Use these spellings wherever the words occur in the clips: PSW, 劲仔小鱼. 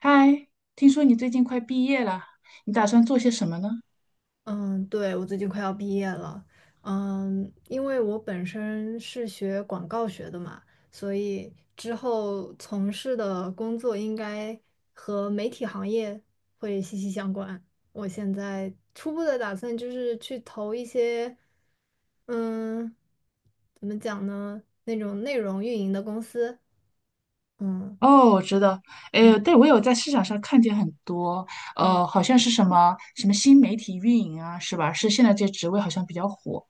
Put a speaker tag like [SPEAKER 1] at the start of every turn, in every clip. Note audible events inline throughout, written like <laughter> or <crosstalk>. [SPEAKER 1] 嗨，听说你最近快毕业了，你打算做些什么呢？
[SPEAKER 2] 嗯，对，我最近快要毕业了，因为我本身是学广告学的嘛，所以之后从事的工作应该和媒体行业会息息相关。我现在初步的打算就是去投一些，嗯，怎么讲呢，那种内容运营的公司，嗯
[SPEAKER 1] 哦，我知道，
[SPEAKER 2] 嗯
[SPEAKER 1] 诶，对，我有在市场上看见很多，
[SPEAKER 2] 嗯，
[SPEAKER 1] 好像是什么什么新媒体运营啊，是吧？是现在这职位好像比较火。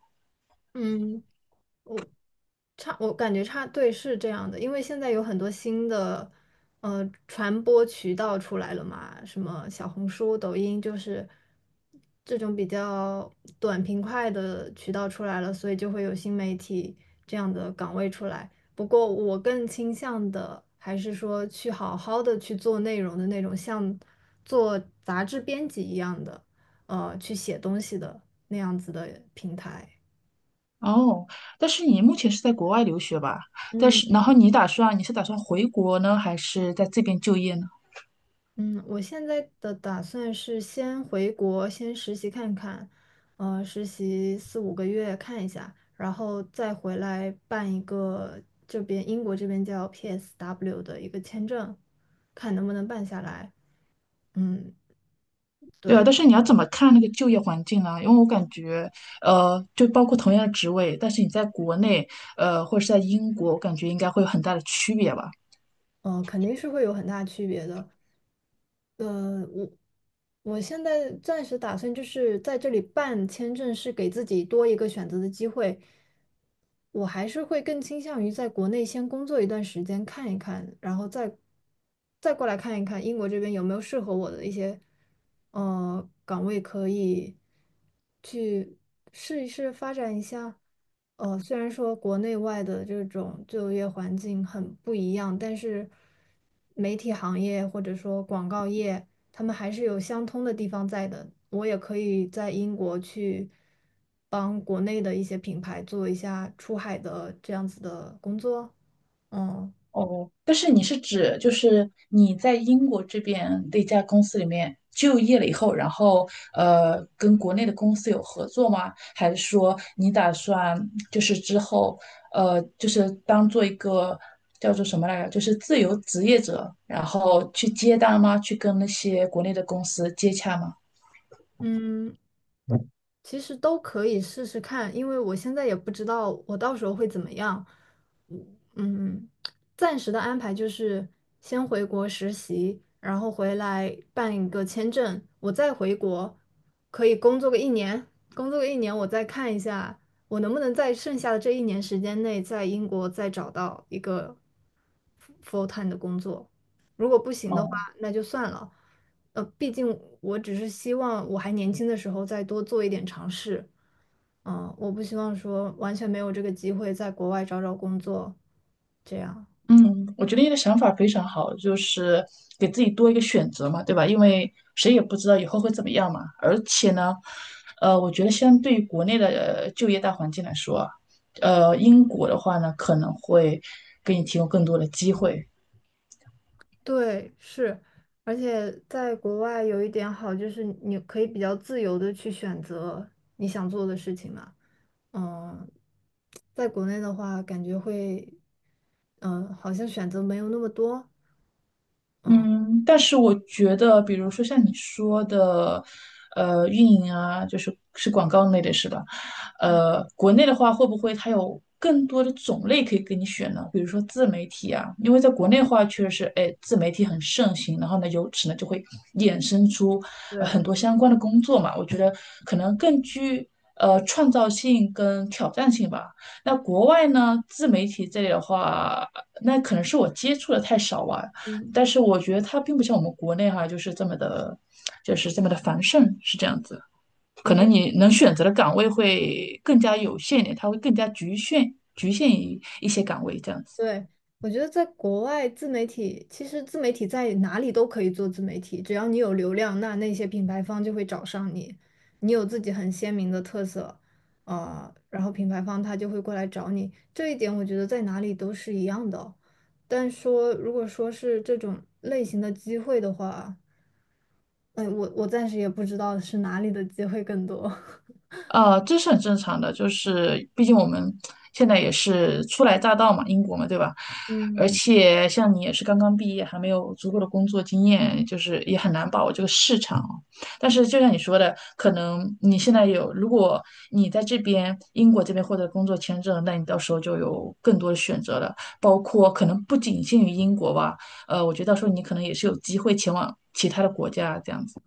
[SPEAKER 2] 嗯。我感觉差，对，是这样的，因为现在有很多新的传播渠道出来了嘛，什么小红书、抖音，就是这种比较短平快的渠道出来了，所以就会有新媒体这样的岗位出来。不过我更倾向的还是说去好好的去做内容的那种，像做杂志编辑一样的，去写东西的那样子的平台。
[SPEAKER 1] 哦，但是你目前是在国外留学吧？但
[SPEAKER 2] 嗯，
[SPEAKER 1] 是，然后你是打算回国呢，还是在这边就业呢？
[SPEAKER 2] 嗯，我现在的打算是先回国，先实习看看，实习4、5个月看一下，然后再回来办一个英国这边叫 PSW 的一个签证，看能不能办下来。嗯，
[SPEAKER 1] 对啊，
[SPEAKER 2] 对，
[SPEAKER 1] 但是你要怎么看那个就业环境呢？因为我感觉，就包括同样的职位，但是你在国内，或者是在英国，我感觉应该会有很大的区别吧。
[SPEAKER 2] 肯定是会有很大区别的。我现在暂时打算就是在这里办签证，是给自己多一个选择的机会。我还是会更倾向于在国内先工作一段时间，看一看，然后再过来看一看英国这边有没有适合我的一些岗位，可以去试一试发展一下。虽然说国内外的这种就业环境很不一样，但是媒体行业或者说广告业。他们还是有相通的地方在的。我也可以在英国去帮国内的一些品牌做一下出海的这样子的工作。嗯，
[SPEAKER 1] 哦，但是你是指就是你在英国这边的一家公司里面就业了以后，然后跟国内的公司有合作吗？还是说你打算就是之后就是当做一个叫做什么来着，就是自由职业者，然后去接单吗？去跟那些国内的公司接洽吗？
[SPEAKER 2] 嗯，其实都可以试试看，因为我现在也不知道我到时候会怎么样。嗯，暂时的安排就是先回国实习，然后回来办一个签证，我再回国，可以工作个一年，工作个一年，我再看一下我能不能在剩下的这1年时间内在英国再找到一个 full time 的工作。如果不行的话，
[SPEAKER 1] 哦
[SPEAKER 2] 那就算了。毕竟我只是希望我还年轻的时候再多做一点尝试。嗯，我不希望说完全没有这个机会在国外找找工作，这样。
[SPEAKER 1] 嗯，我觉得你的想法非常好，就是给自己多一个选择嘛，对吧？因为谁也不知道以后会怎么样嘛。而且呢，我觉得相对于国内的就业大环境来说啊，英国的话呢，可能会给你提供更多的机会，
[SPEAKER 2] 对，是，而且在国外有一点好就是你可以比较自由的去选择你想做的事情嘛。嗯，在国内的话，感觉会，嗯，好像选择没有那么多。
[SPEAKER 1] 嗯，但是我觉得，比如说像你说的，运营啊，就是是广告类的，是吧？国内的话，会不会它有更多的种类可以给你选呢？比如说自媒体啊，因为在国内的话，确实是，哎，自媒体很盛行，然后呢，由此呢就会衍生出
[SPEAKER 2] 对，
[SPEAKER 1] 很多相关的工作嘛。我觉得可能更具创造性跟挑战性吧。那国外呢，自媒体这里的话，那可能是我接触的太少啊。
[SPEAKER 2] 嗯。
[SPEAKER 1] 但是我觉得它并不像我们国内哈、就是这么的繁盛，是这样子。
[SPEAKER 2] 我
[SPEAKER 1] 可
[SPEAKER 2] 觉
[SPEAKER 1] 能
[SPEAKER 2] 得。
[SPEAKER 1] 你能选择的岗位会更加有限一点，它会更加局限于一些岗位这样子。
[SPEAKER 2] 对，我觉得在国外自媒体，其实自媒体在哪里都可以做自媒体，只要你有流量，那那些品牌方就会找上你，你有自己很鲜明的特色，啊，然后品牌方他就会过来找你，这一点我觉得在哪里都是一样的哦。但说如果说是这种类型的机会的话，哎，我暂时也不知道是哪里的机会更多。
[SPEAKER 1] 这是很正常的，就是毕竟我们现在也是初来乍到嘛，英国嘛，对吧？
[SPEAKER 2] <laughs>
[SPEAKER 1] 而
[SPEAKER 2] 嗯。
[SPEAKER 1] 且像你也是刚刚毕业，还没有足够的工作经验，就是也很难把握这个市场哦。但是就像你说的，可能你现在有，如果你在这边英国这边获得工作签证，那你到时候就有更多的选择了，包括可能不仅限于英国吧，我觉得到时候你可能也是有机会前往其他的国家这样子。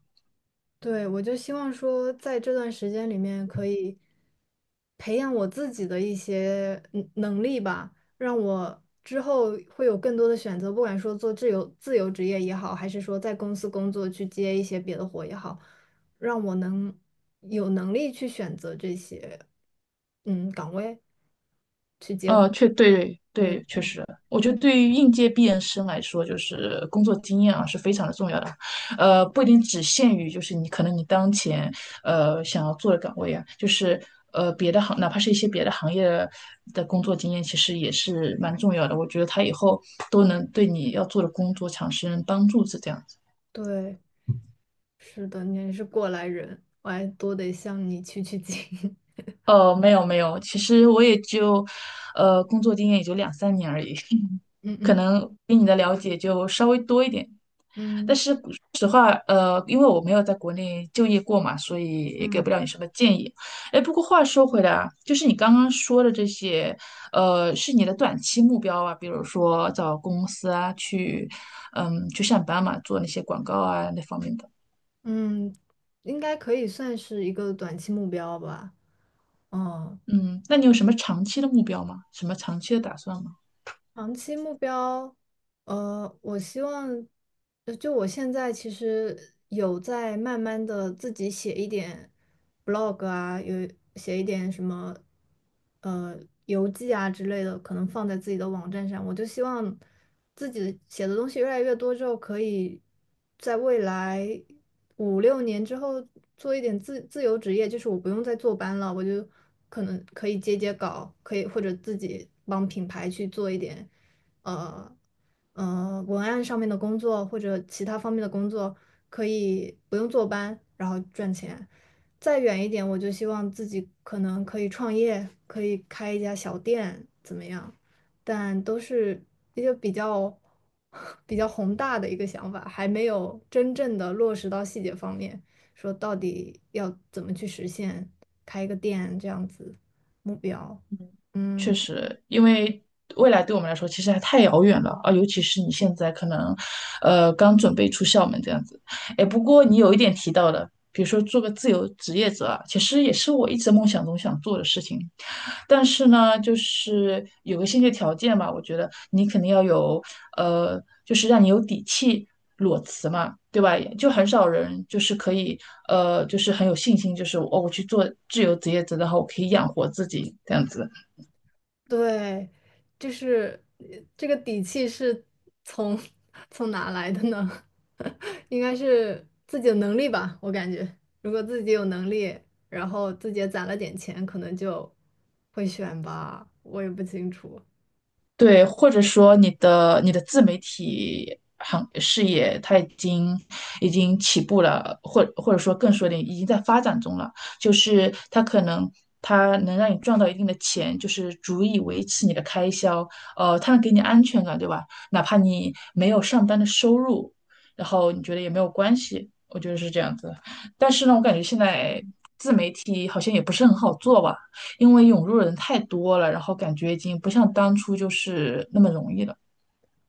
[SPEAKER 2] 对，我就希望说，在这段时间里面，可以培养我自己的一些能力吧，让我之后会有更多的选择，不管说做自由职业也好，还是说在公司工作去接一些别的活也好，让我能有能力去选择这些岗位。
[SPEAKER 1] 对
[SPEAKER 2] 对
[SPEAKER 1] 对，确实，我觉得对于应届毕业生来说，就是工作经验啊是非常的重要的，不一定只限于就是你可能你当前想要做的岗位啊，就是别的行，哪怕是一些别的行业的工作经验，其实也是蛮重要的。我觉得他以后都能对你要做的工作产生帮助，是这样子。
[SPEAKER 2] 对，是的，你也是过来人，我还多得向你取取经。
[SPEAKER 1] 没有没有，其实我也就工作经验也就两三年而已，
[SPEAKER 2] <laughs> 嗯
[SPEAKER 1] <laughs> 可
[SPEAKER 2] 嗯
[SPEAKER 1] 能比你的了解就稍微多一点。
[SPEAKER 2] 嗯。
[SPEAKER 1] 因为我没有在国内就业过嘛，所以也给不了你什么建议。哎，不过话说回来啊，就是你刚刚说的这些，是你的短期目标啊，比如说找公司啊，去，嗯，去上班嘛，做那些广告啊那方面的。
[SPEAKER 2] 嗯，应该可以算是一个短期目标吧。嗯，
[SPEAKER 1] 嗯，那你有什么长期的目标吗？什么长期的打算吗？
[SPEAKER 2] 长期目标，我希望，就我现在其实有在慢慢的自己写一点 blog 啊，有写一点什么，呃，游记啊之类的，可能放在自己的网站上。我就希望自己写的东西越来越多之后，可以在未来。5、6年之后做一点自由职业，就是我不用再坐班了，我就可能可以接接稿，可以或者自己帮品牌去做一点，呃文案上面的工作或者其他方面的工作，可以不用坐班，然后赚钱。再远一点，我就希望自己可能可以创业，可以开一家小店，怎么样？但都是一个比较 <laughs> 比较宏大的一个想法，还没有真正的落实到细节方面，说到底要怎么去实现开一个店这样子目标。
[SPEAKER 1] 确
[SPEAKER 2] 嗯，
[SPEAKER 1] 实，因为未来对我们来说其实还太遥远了啊，尤其是你现在可能，刚准备出校门这样子。哎，不过你有一点提到的，比如说做个自由职业者啊，其实也是我一直梦想中想做的事情。但是呢，就是有个先决条件吧，我觉得你肯定要有，就是让你有底气裸辞嘛，对吧？就很少人就是可以，就是很有信心，就是哦，我去做自由职业者，然后我可以养活自己这样子。
[SPEAKER 2] 对，就是这个底气是从 <laughs> 从哪来的呢？<laughs> 应该是自己的能力吧，我感觉，如果自己有能力，然后自己也攒了点钱，可能就会选吧，我也不清楚。
[SPEAKER 1] 对，或者说你的自媒体行事业，它已经起步了，或者说更说点，已经在发展中了。就是它可能它能让你赚到一定的钱，就是足以维持你的开销，它能给你安全感，对吧？哪怕你没有上班的收入，然后你觉得也没有关系，我觉得是这样子。但是呢，我感觉现在自媒体好像也不是很好做吧。因为涌入的人太多了，然后感觉已经不像当初就是那么容易了。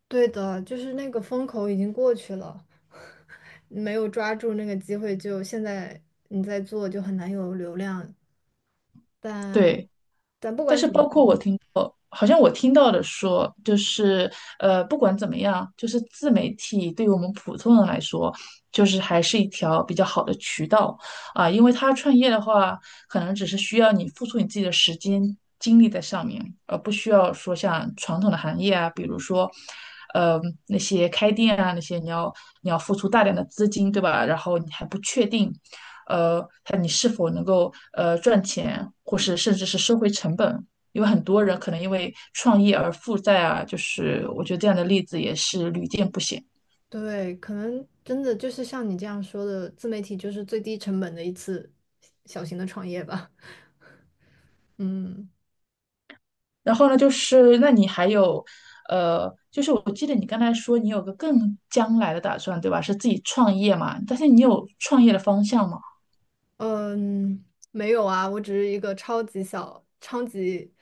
[SPEAKER 2] 对的，就是那个风口已经过去了，<laughs> 没有抓住那个机会就，现在你在做就很难有流量。但
[SPEAKER 1] 对，
[SPEAKER 2] 但不
[SPEAKER 1] 但
[SPEAKER 2] 管
[SPEAKER 1] 是
[SPEAKER 2] 怎么，
[SPEAKER 1] 包括我听到，好像我听到的说，不管怎么样，就是自媒体对于我们普通人来说，就是还是一条比较好的渠道啊，因为他创业的话，可能只是需要你付出你自己的时间精力在上面，而不需要说像传统的行业啊，比如说。呃，那些开店啊，那些你要付出大量的资金，对吧？然后你还不确定看你是否能够赚钱，或是甚至是收回成本。因为很多人可能因为创业而负债啊，就是我觉得这样的例子也是屡见不鲜。
[SPEAKER 2] 对，可能真的就是像你这样说的，自媒体就是最低成本的一次小型的创业吧。<laughs> 嗯。
[SPEAKER 1] 然后呢，就是那你还有，就是我记得你刚才说你有个更将来的打算，对吧？是自己创业嘛？但是你有创业的方向吗？
[SPEAKER 2] 嗯，没有啊，我只是一个超级小、超级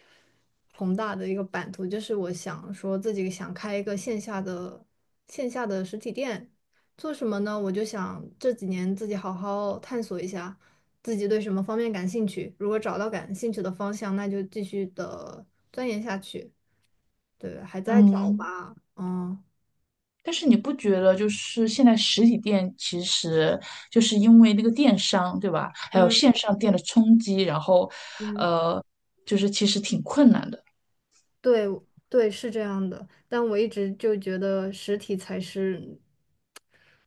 [SPEAKER 2] 宏大的一个版图，就是我想说自己想开一个线下的实体店，做什么呢？我就想这几年自己好好探索一下自己对什么方面感兴趣，如果找到感兴趣的方向，那就继续的钻研下去。对，还在找
[SPEAKER 1] 嗯。
[SPEAKER 2] 吧，嗯。
[SPEAKER 1] 但是你不觉得就是现在实体店其实就是因为那个电商，对吧？还有线上店的冲击，然后，
[SPEAKER 2] 嗯。
[SPEAKER 1] 呃，就是其实挺困难的。
[SPEAKER 2] 对对，是这样的，但我一直就觉得实体才是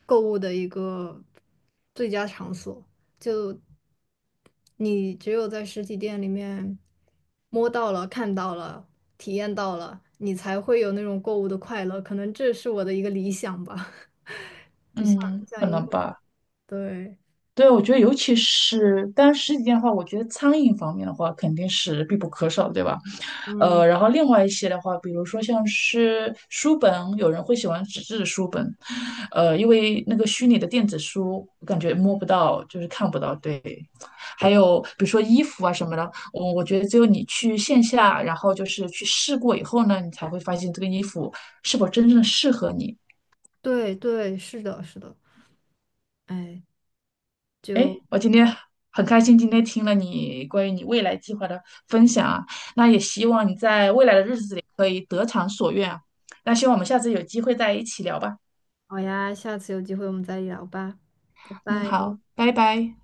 [SPEAKER 2] 购物的一个最佳场所。就你只有在实体店里面摸到了、看到了、体验到了，你才会有那种购物的快乐。可能这是我的一个理想吧，<laughs>
[SPEAKER 1] 嗯，
[SPEAKER 2] 像
[SPEAKER 1] 可
[SPEAKER 2] 一个梦。
[SPEAKER 1] 能吧。
[SPEAKER 2] 对，
[SPEAKER 1] 对，我觉得尤其是，当然实体店的话，我觉得餐饮方面的话肯定是必不可少的，对吧？
[SPEAKER 2] 嗯，
[SPEAKER 1] 然后另外一些的话，比如说像是书本，有人会喜欢纸质的书本，因为那个虚拟的电子书，我感觉摸不到，就是看不到，对。还有比如说衣服啊什么的，我觉得只有你去线下，然后就是去试过以后呢，你才会发现这个衣服是否真正的适合你。
[SPEAKER 2] 对对，是的，是的。哎，就
[SPEAKER 1] 诶，我今天很开心，今天听了你关于你未来计划的分享啊，那也希望你在未来的日子里可以得偿所愿啊。那希望我们下次有机会再一起聊吧。
[SPEAKER 2] 好呀，下次有机会我们再聊吧，拜
[SPEAKER 1] 嗯，
[SPEAKER 2] 拜。
[SPEAKER 1] 好，拜拜。